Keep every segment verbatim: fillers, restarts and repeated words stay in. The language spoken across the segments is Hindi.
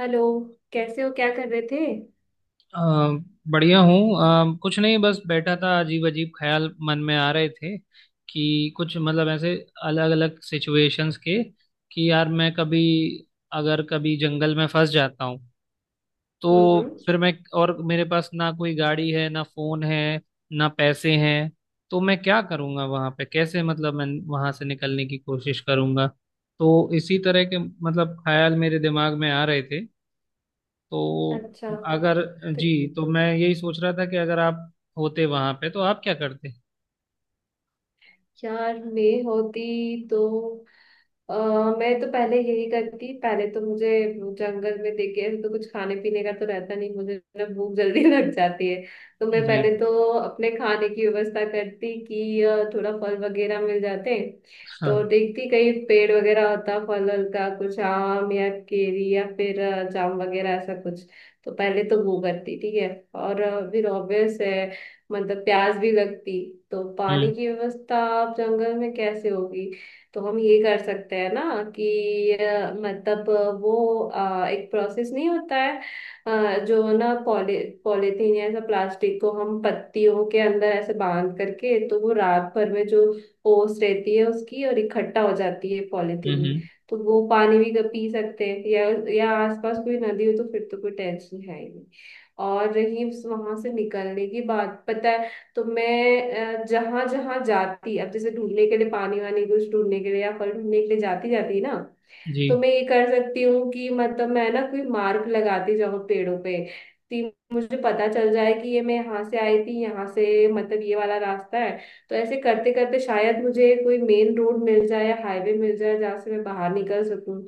हेलो। कैसे हो, क्या कर रहे थे? अ, बढ़िया हूँ। अ, कुछ नहीं, बस बैठा था, अजीब अजीब ख्याल मन में आ रहे थे कि कुछ मतलब ऐसे अलग अलग सिचुएशंस के कि यार मैं कभी, अगर कभी जंगल में फंस जाता हूँ हम्म तो हम्म। फिर मैं, और मेरे पास ना कोई गाड़ी है ना फोन है ना पैसे हैं, तो मैं क्या करूँगा वहाँ पे, कैसे मतलब मैं वहाँ से निकलने की कोशिश करूँगा। तो इसी तरह के मतलब ख्याल मेरे दिमाग में आ रहे थे। तो अच्छा। अगर, तो जी, तो मैं यही सोच रहा था कि अगर आप होते वहां पे तो आप क्या करते। यार मैं होती तो अ, मैं तो पहले यही करती। पहले तो मुझे जंगल में देखे ऐसे तो कुछ खाने पीने का तो रहता नहीं, मुझे ना भूख जल्दी लग जाती है। तो मैं जी। पहले तो अपने खाने की व्यवस्था करती कि अ, थोड़ा फल वगैरह मिल जाते। तो हाँ। देखती कहीं पेड़ वगैरह होता, फल वल का कुछ आम या केरी या फिर अ, जाम वगैरह ऐसा कुछ। तो पहले तो वो करती, ठीक है। और अ, फिर ऑब्वियस है, मतलब प्यास भी लगती। तो पानी हम्म की व्यवस्था आप जंगल में कैसे होगी? तो हम ये कर सकते हैं ना कि अ, मतलब अ, वो अ, एक प्रोसेस नहीं होता है, अ, जो ना पॉली, पॉलीथीन या ऐसा प्लास्टिक को हम पत्तियों के अंदर ऐसे बांध करके, तो वो रात भर में जो ओस रहती है उसकी और इकट्ठा हो जाती है पॉलीथीन हम्म में। हम्म, तो वो पानी भी क- पी सकते हैं। या या आसपास कोई नदी हो तो फिर तो कोई टेंशन है ही नहीं। और रही उस वहां से निकलने की बात, पता है, तो मैं जहां जहां जाती, अब जैसे ढूंढने के लिए पानी वानी कुछ ढूंढने के लिए या फल ढूंढने के लिए जाती जाती ना, जी। तो मैं ये कर सकती हूँ कि मतलब मैं ना कोई मार्क लगाती जाऊँ पेड़ों पे कि मुझे पता चल जाए कि ये मैं यहाँ से आई थी, यहाँ से मतलब ये वाला रास्ता है। तो ऐसे करते करते शायद मुझे कोई मेन रोड मिल जाए या हाईवे मिल जाए जहाँ से मैं बाहर निकल सकूँ।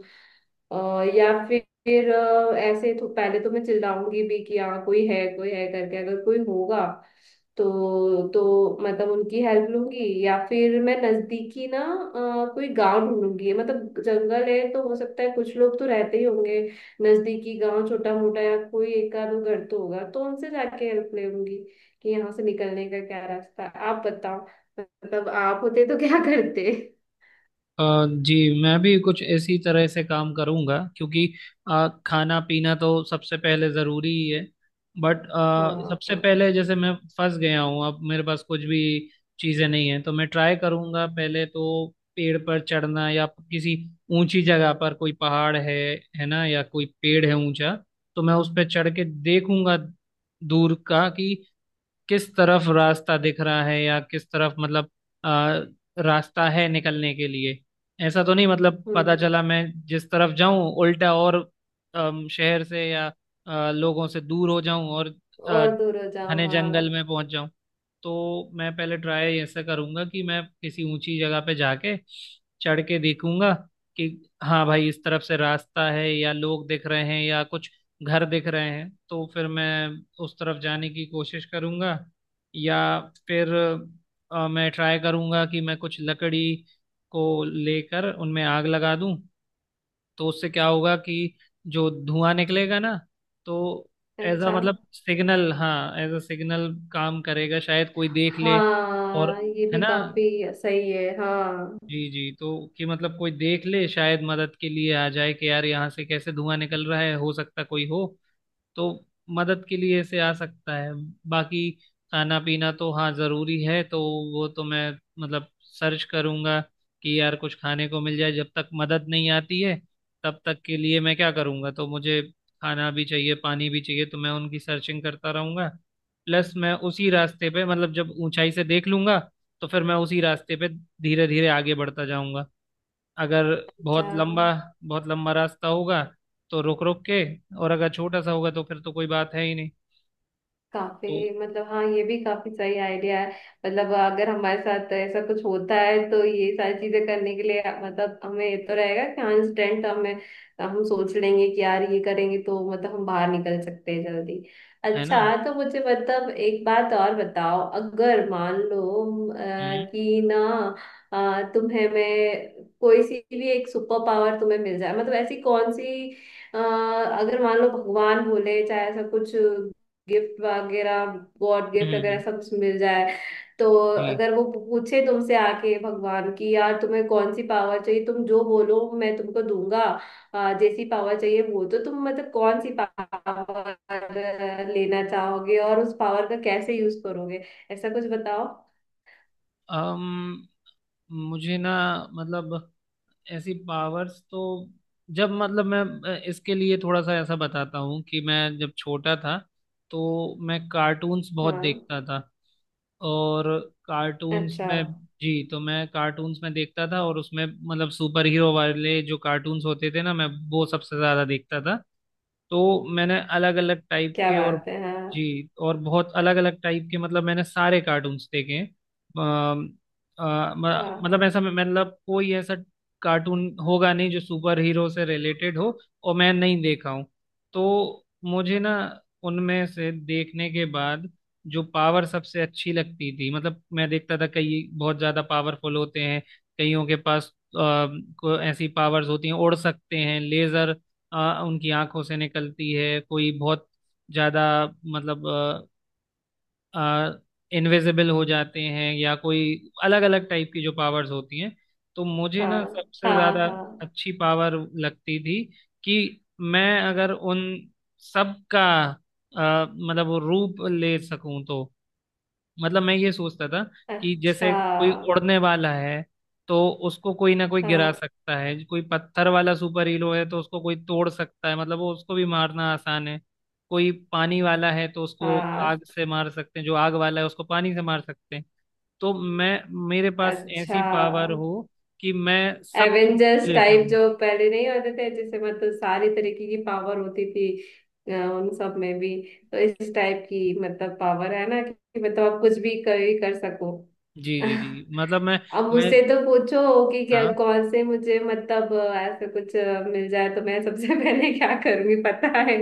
अ, या फिर अ, ऐसे तो पहले तो मैं चिल्लाऊंगी भी कि हाँ कोई है कोई है करके। अगर कोई होगा तो तो मतलब उनकी हेल्प लूंगी। या फिर मैं नजदीकी ना अ, कोई गांव ढूंढूंगी। मतलब जंगल है तो हो सकता है कुछ लोग तो रहते ही होंगे। नजदीकी गांव छोटा मोटा या कोई एक आध घर तो होगा तो उनसे जाके हेल्प ले लूंगी कि यहाँ से निकलने का क्या रास्ता है। आप बताओ, मतलब आप होते तो क्या करते? अ, जी, मैं भी कुछ इसी तरह से काम करूंगा, क्योंकि अ, खाना पीना तो सबसे पहले ज़रूरी ही है। बट हाँ सबसे हाँ। पहले, जैसे मैं फंस गया हूँ, अब मेरे पास कुछ भी चीज़ें नहीं है तो मैं ट्राई करूंगा पहले तो पेड़ पर चढ़ना या किसी ऊंची जगह पर। कोई पहाड़ है है ना, या कोई पेड़ है ऊंचा, तो मैं उस पर चढ़ के देखूंगा दूर का कि किस तरफ रास्ता दिख रहा है या किस तरफ मतलब आ, रास्ता है निकलने के लिए। ऐसा तो नहीं मतलब हम्म। पता चला मैं जिस तरफ जाऊं उल्टा, और अम, शहर से या आ, लोगों से दूर हो जाऊं और आ, और दूर हो जाओ, घने जंगल हाँ। में पहुंच जाऊं। तो मैं पहले ट्राई ऐसा करूंगा कि मैं किसी ऊंची जगह पे जाके चढ़ के देखूंगा कि हाँ भाई इस तरफ से रास्ता है या लोग दिख रहे हैं या कुछ घर दिख रहे हैं, तो फिर मैं उस तरफ जाने की कोशिश करूंगा। या फिर अ, मैं ट्राई करूंगा कि मैं कुछ लकड़ी को लेकर उनमें आग लगा दूं। तो उससे क्या होगा कि जो धुआं निकलेगा ना, तो एज अ अच्छा। मतलब सिग्नल, हाँ, एज अ सिग्नल काम करेगा, शायद कोई देख ले। और, हाँ ये है भी ना। काफी सही है, हाँ। जी जी, तो कि मतलब कोई देख ले, शायद मदद के लिए आ जाए कि यार यहाँ से कैसे धुआं निकल रहा है, हो सकता कोई हो, तो मदद के लिए ऐसे आ सकता है। बाकी खाना पीना तो हाँ ज़रूरी है, तो वो तो मैं मतलब सर्च करूंगा कि यार कुछ खाने को मिल जाए। जब तक मदद नहीं आती है तब तक के लिए मैं क्या करूंगा, तो मुझे खाना भी चाहिए पानी भी चाहिए, तो मैं उनकी सर्चिंग करता रहूंगा। प्लस मैं उसी रास्ते पे, मतलब जब ऊंचाई से देख लूंगा तो फिर मैं उसी रास्ते पे धीरे धीरे आगे बढ़ता जाऊंगा। अगर अच्छा। बहुत लंबा, बहुत लंबा रास्ता होगा तो रुक रुक के, और अगर छोटा सा होगा तो फिर तो कोई बात है ही नहीं। तो काफी मतलब, हाँ, ये भी काफी सही आइडिया है। मतलब अगर हमारे साथ ऐसा कुछ होता है तो ये सारी चीजें करने के लिए, मतलब हमें ये तो रहेगा कि हाँ इंस्टेंट हमें, हम सोच लेंगे कि यार ये करेंगे तो मतलब हम बाहर निकल सकते हैं जल्दी। है अच्छा ना। तो मुझे मतलब एक बात और बताओ। अगर मान लो अ, हम्म कि ना, अ, तुम्हें मैं कोई सी भी एक सुपर पावर तुम्हें मिल जाए, मतलब ऐसी कौन सी, अ, अगर मान लो भगवान बोले चाहे ऐसा कुछ गिफ्ट वगैरह, गॉड गिफ्ट हम्म वगैरह हम्म, सब कुछ मिल जाए। तो जी। अगर वो पूछे तुमसे आके भगवान की, यार तुम्हें कौन सी पावर चाहिए, तुम जो बोलो मैं तुमको दूंगा, आ, जैसी पावर चाहिए वो, तो तुम मतलब कौन सी पावर लेना चाहोगे और उस पावर का कैसे यूज करोगे, ऐसा कुछ बताओ। अम मुझे ना मतलब ऐसी पावर्स तो, जब मतलब मैं, अ, इसके लिए थोड़ा सा ऐसा बताता हूँ कि मैं जब छोटा था तो मैं कार्टून्स बहुत हाँ। देखता था और कार्टून्स अच्छा। में, जी, तो मैं कार्टून्स में देखता था और उसमें मतलब सुपर हीरो वाले जो कार्टून्स होते थे ना, मैं वो सबसे ज्यादा देखता था। तो मैंने अलग अलग टाइप क्या के, और बात है, हाँ। जी, और बहुत अलग अलग टाइप के मतलब मैंने सारे कार्टून्स देखे हैं। अम, अ, म- हाँ मतलब ऐसा मतलब कोई ऐसा कार्टून होगा नहीं जो सुपर हीरो से रिलेटेड हो और मैं नहीं देखा हूँ। तो मुझे ना, उनमें से देखने के बाद, जो पावर सबसे अच्छी लगती थी, मतलब मैं देखता था कई बहुत ज्यादा पावरफुल होते हैं। कईयों के पास अ, को ऐसी पावर्स होती हैं, उड़ सकते हैं, लेजर उनकी आंखों से निकलती है, कोई बहुत ज्यादा मतलब इनविजिबल हो जाते हैं, या कोई अलग अलग टाइप की जो पावर्स होती हैं। तो मुझे ना हाँ। हाँ सबसे ज्यादा हाँ। अच्छी पावर लगती थी कि मैं अगर उन सब का अ, मतलब वो रूप ले सकूं तो, मतलब मैं ये सोचता था कि जैसे अच्छा। कोई उड़ने वाला है तो उसको कोई ना कोई हाँ गिरा सकता है, कोई पत्थर वाला सुपर हीरो है तो उसको कोई तोड़ सकता है, मतलब वो उसको भी मारना आसान है। कोई पानी वाला है तो उसको हाँ। आग से मार सकते हैं, जो आग वाला है उसको पानी से मार सकते हैं। तो मैं, मेरे पास ऐसी अच्छा। पावर हो कि मैं सबकी एवेंजर्स ले टाइप सकूं। जो पहले नहीं होते थे, जैसे मतलब सारी तरीके की पावर होती थी, अ, उन सब में भी। तो इस टाइप की मतलब पावर है ना कि मतलब आप कुछ भी कर भी कर सको। जी जी जी, मतलब मैं, अब मैं। मुझसे तो पूछो कि क्या हाँ कौन से मुझे मतलब अ, ऐसा कुछ अ, मिल जाए तो मैं सबसे पहले क्या करूंगी पता है।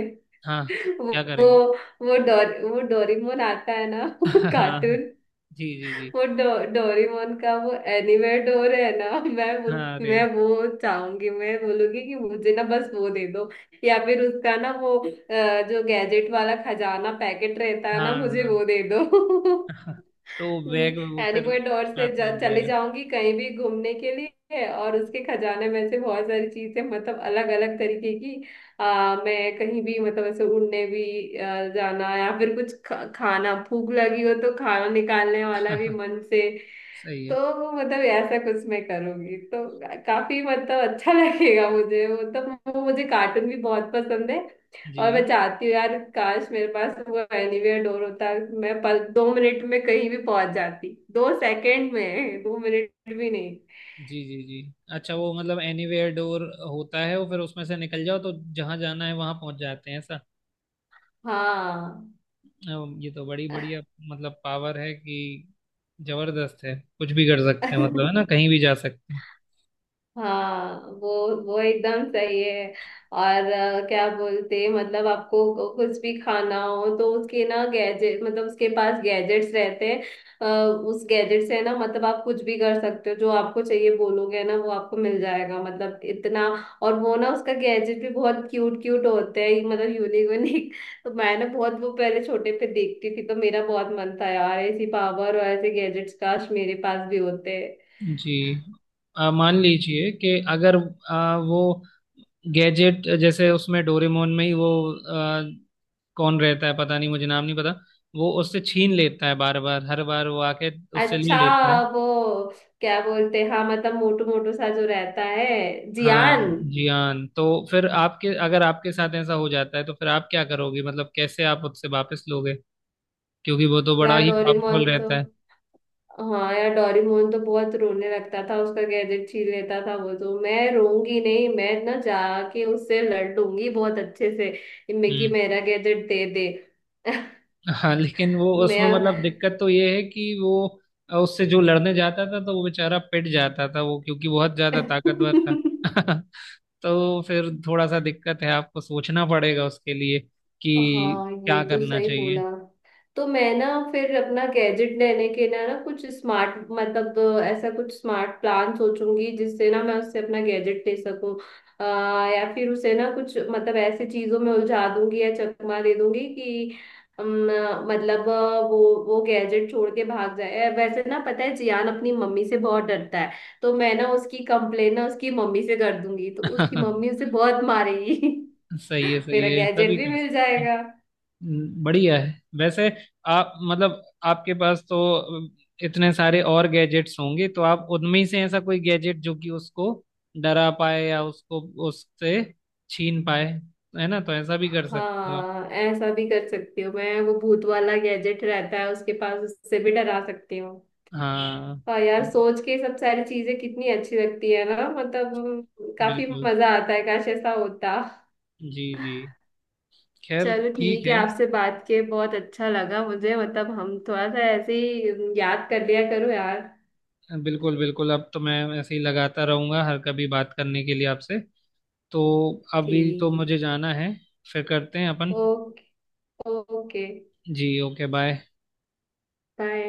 हाँ। वो क्या वो करेंगे? वो डोर, वो डोरेमोन आता है ना, हाँ। कार्टून। जी जी जी। वो डो, डोरेमोन का वो एनीवेयर डोर है ना, मैं उस, हाँ अरे। मैं वो चाहूंगी। मैं बोलूंगी कि मुझे ना बस वो दे दो। या फिर उसका ना वो अ, जो गैजेट वाला खजाना पैकेट रहता है ना, हाँ हाँ मुझे हाँ। वो दे दो। तो बैग वो फिर एनीवे डोर से हाथ जा, मिल चली जाएगा। जाऊंगी कहीं भी घूमने के लिए, और उसके खजाने में से बहुत सारी चीजें मतलब अलग अलग तरीके की, आ, मैं कहीं भी मतलब ऐसे उड़ने भी आ, जाना, या फिर कुछ ख, खाना, भूख लगी हो तो खाना निकालने वाला भी मन से। सही तो है। वो मतलब ऐसा कुछ मैं करूंगी तो काफी मतलब अच्छा लगेगा मुझे। वो तो वो मुझे कार्टून भी बहुत पसंद है। और मैं जी चाहती हूँ यार, काश मेरे पास वो एनीवेयर डोर होता, मैं पल दो मिनट में कहीं भी पहुंच जाती, दो सेकंड में, दो मिनट भी नहीं। जी जी जी, अच्छा वो मतलब एनीवेयर डोर होता है वो, फिर उसमें से निकल जाओ तो जहाँ जाना है वहां पहुंच जाते हैं ऐसा। हाँ। अम, ये तो बड़ी बढ़िया मतलब पावर है कि जबरदस्त है, कुछ भी कर सकते हैं मतलब, है ना, कहीं भी जा सकते हैं। हाँ वो वो एकदम सही है। और अ, क्या बोलते हैं, मतलब आपको को- कुछ भी खाना हो तो उसके ना गैजेट, मतलब उसके पास गैजेट्स रहते हैं, अ, उस गैजेट से ना मतलब आप कुछ भी कर सकते हो, जो आपको चाहिए बोलोगे ना वो आपको मिल जाएगा, मतलब इतना। और वो ना उसका गैजेट भी बहुत क्यूट क्यूट होते हैं, मतलब यूनिक यूनिक। तो मैं ना बहुत वो पहले छोटे पे देखती थी तो मेरा बहुत मन था यार, ऐसी पावर और ऐसे गैजेट्स काश मेरे पास भी होते। जी, अ, मान लीजिए कि अगर अ, वो गैजेट, जैसे उसमें डोरेमोन में ही वो कौन रहता है, पता नहीं मुझे नाम नहीं पता, वो उससे छीन लेता है बार बार, हर बार वो आके उससे अच्छा। ले लेता है। वो क्या बोलते हैं, हाँ, मतलब मोटू मोटू सा जो रहता है, हाँ। जियान। जी हाँ, तो फिर आपके, अगर आपके साथ ऐसा हो जाता है तो फिर आप क्या करोगे, मतलब कैसे आप उससे वापस लोगे, क्योंकि वो तो बड़ा यार ही डोरेमोन पावरफुल तो, रहता है। हाँ यार डोरेमोन तो बहुत रोने लगता था उसका गैजेट छीन लेता था वो तो। मैं रोऊंगी नहीं, मैं ना जाके उससे लड़ लूंगी बहुत अच्छे से कि हम्म। मेरा गैजेट दे दे। हाँ लेकिन वो उसमें मैं मतलब दिक्कत तो ये है कि वो उससे जो लड़ने जाता था तो वो बेचारा पिट जाता था वो, क्योंकि बहुत ज्यादा ताकतवर था। तो फिर थोड़ा सा दिक्कत है, आपको सोचना पड़ेगा उसके लिए कि हाँ ये क्या तो करना सही बोला। चाहिए। तो मैं ना फिर अपना गैजेट लेने के ना ना कुछ स्मार्ट मतलब ऐसा कुछ स्मार्ट प्लान सोचूंगी जिससे ना मैं उससे अपना गैजेट ले सकूं। अ, या फिर उसे ना कुछ मतलब ऐसी चीजों में उलझा दूंगी या चकमा दे दूंगी कि अम, मतलब अ, वो वो गैजेट छोड़ के भाग जाए। वैसे ना पता है जियान अपनी मम्मी से बहुत डरता है, तो मैं ना उसकी कंप्लेन ना उसकी मम्मी से कर दूंगी तो उसकी मम्मी उसे सही बहुत मारेगी। है, सही मेरा है, गैजेट सभी भी कर मिल सकते हैं। जाएगा। हम्म, बढ़िया है। वैसे आप, मतलब आपके पास तो अम, इतने सारे और गैजेट्स होंगे, तो आप उनमें से ऐसा कोई गैजेट जो कि उसको डरा पाए या उसको उससे छीन पाए, है ना, तो ऐसा भी कर सकते हो आप। हाँ ऐसा भी कर सकती हूँ मैं। वो भूत वाला गैजेट रहता है उसके पास, उससे भी डरा सकती हूँ। हाँ हाँ यार सोच के ये सब सारी चीजें कितनी अच्छी लगती है ना, मतलब काफी बिल्कुल, मजा आता है, काश ऐसा होता। जी जी, खैर चलो ठीक ठीक है, है। आपसे बात के बहुत अच्छा लगा मुझे, मतलब हम थोड़ा सा ऐसे ही याद कर लिया करो यार। बिल्कुल बिल्कुल, अब तो मैं ऐसे ही लगाता रहूंगा हर कभी बात करने के लिए आपसे। तो अभी तो ठीक। मुझे जाना है, फिर करते हैं अपन। ओके। ओके, जी, ओके, बाय। बाय।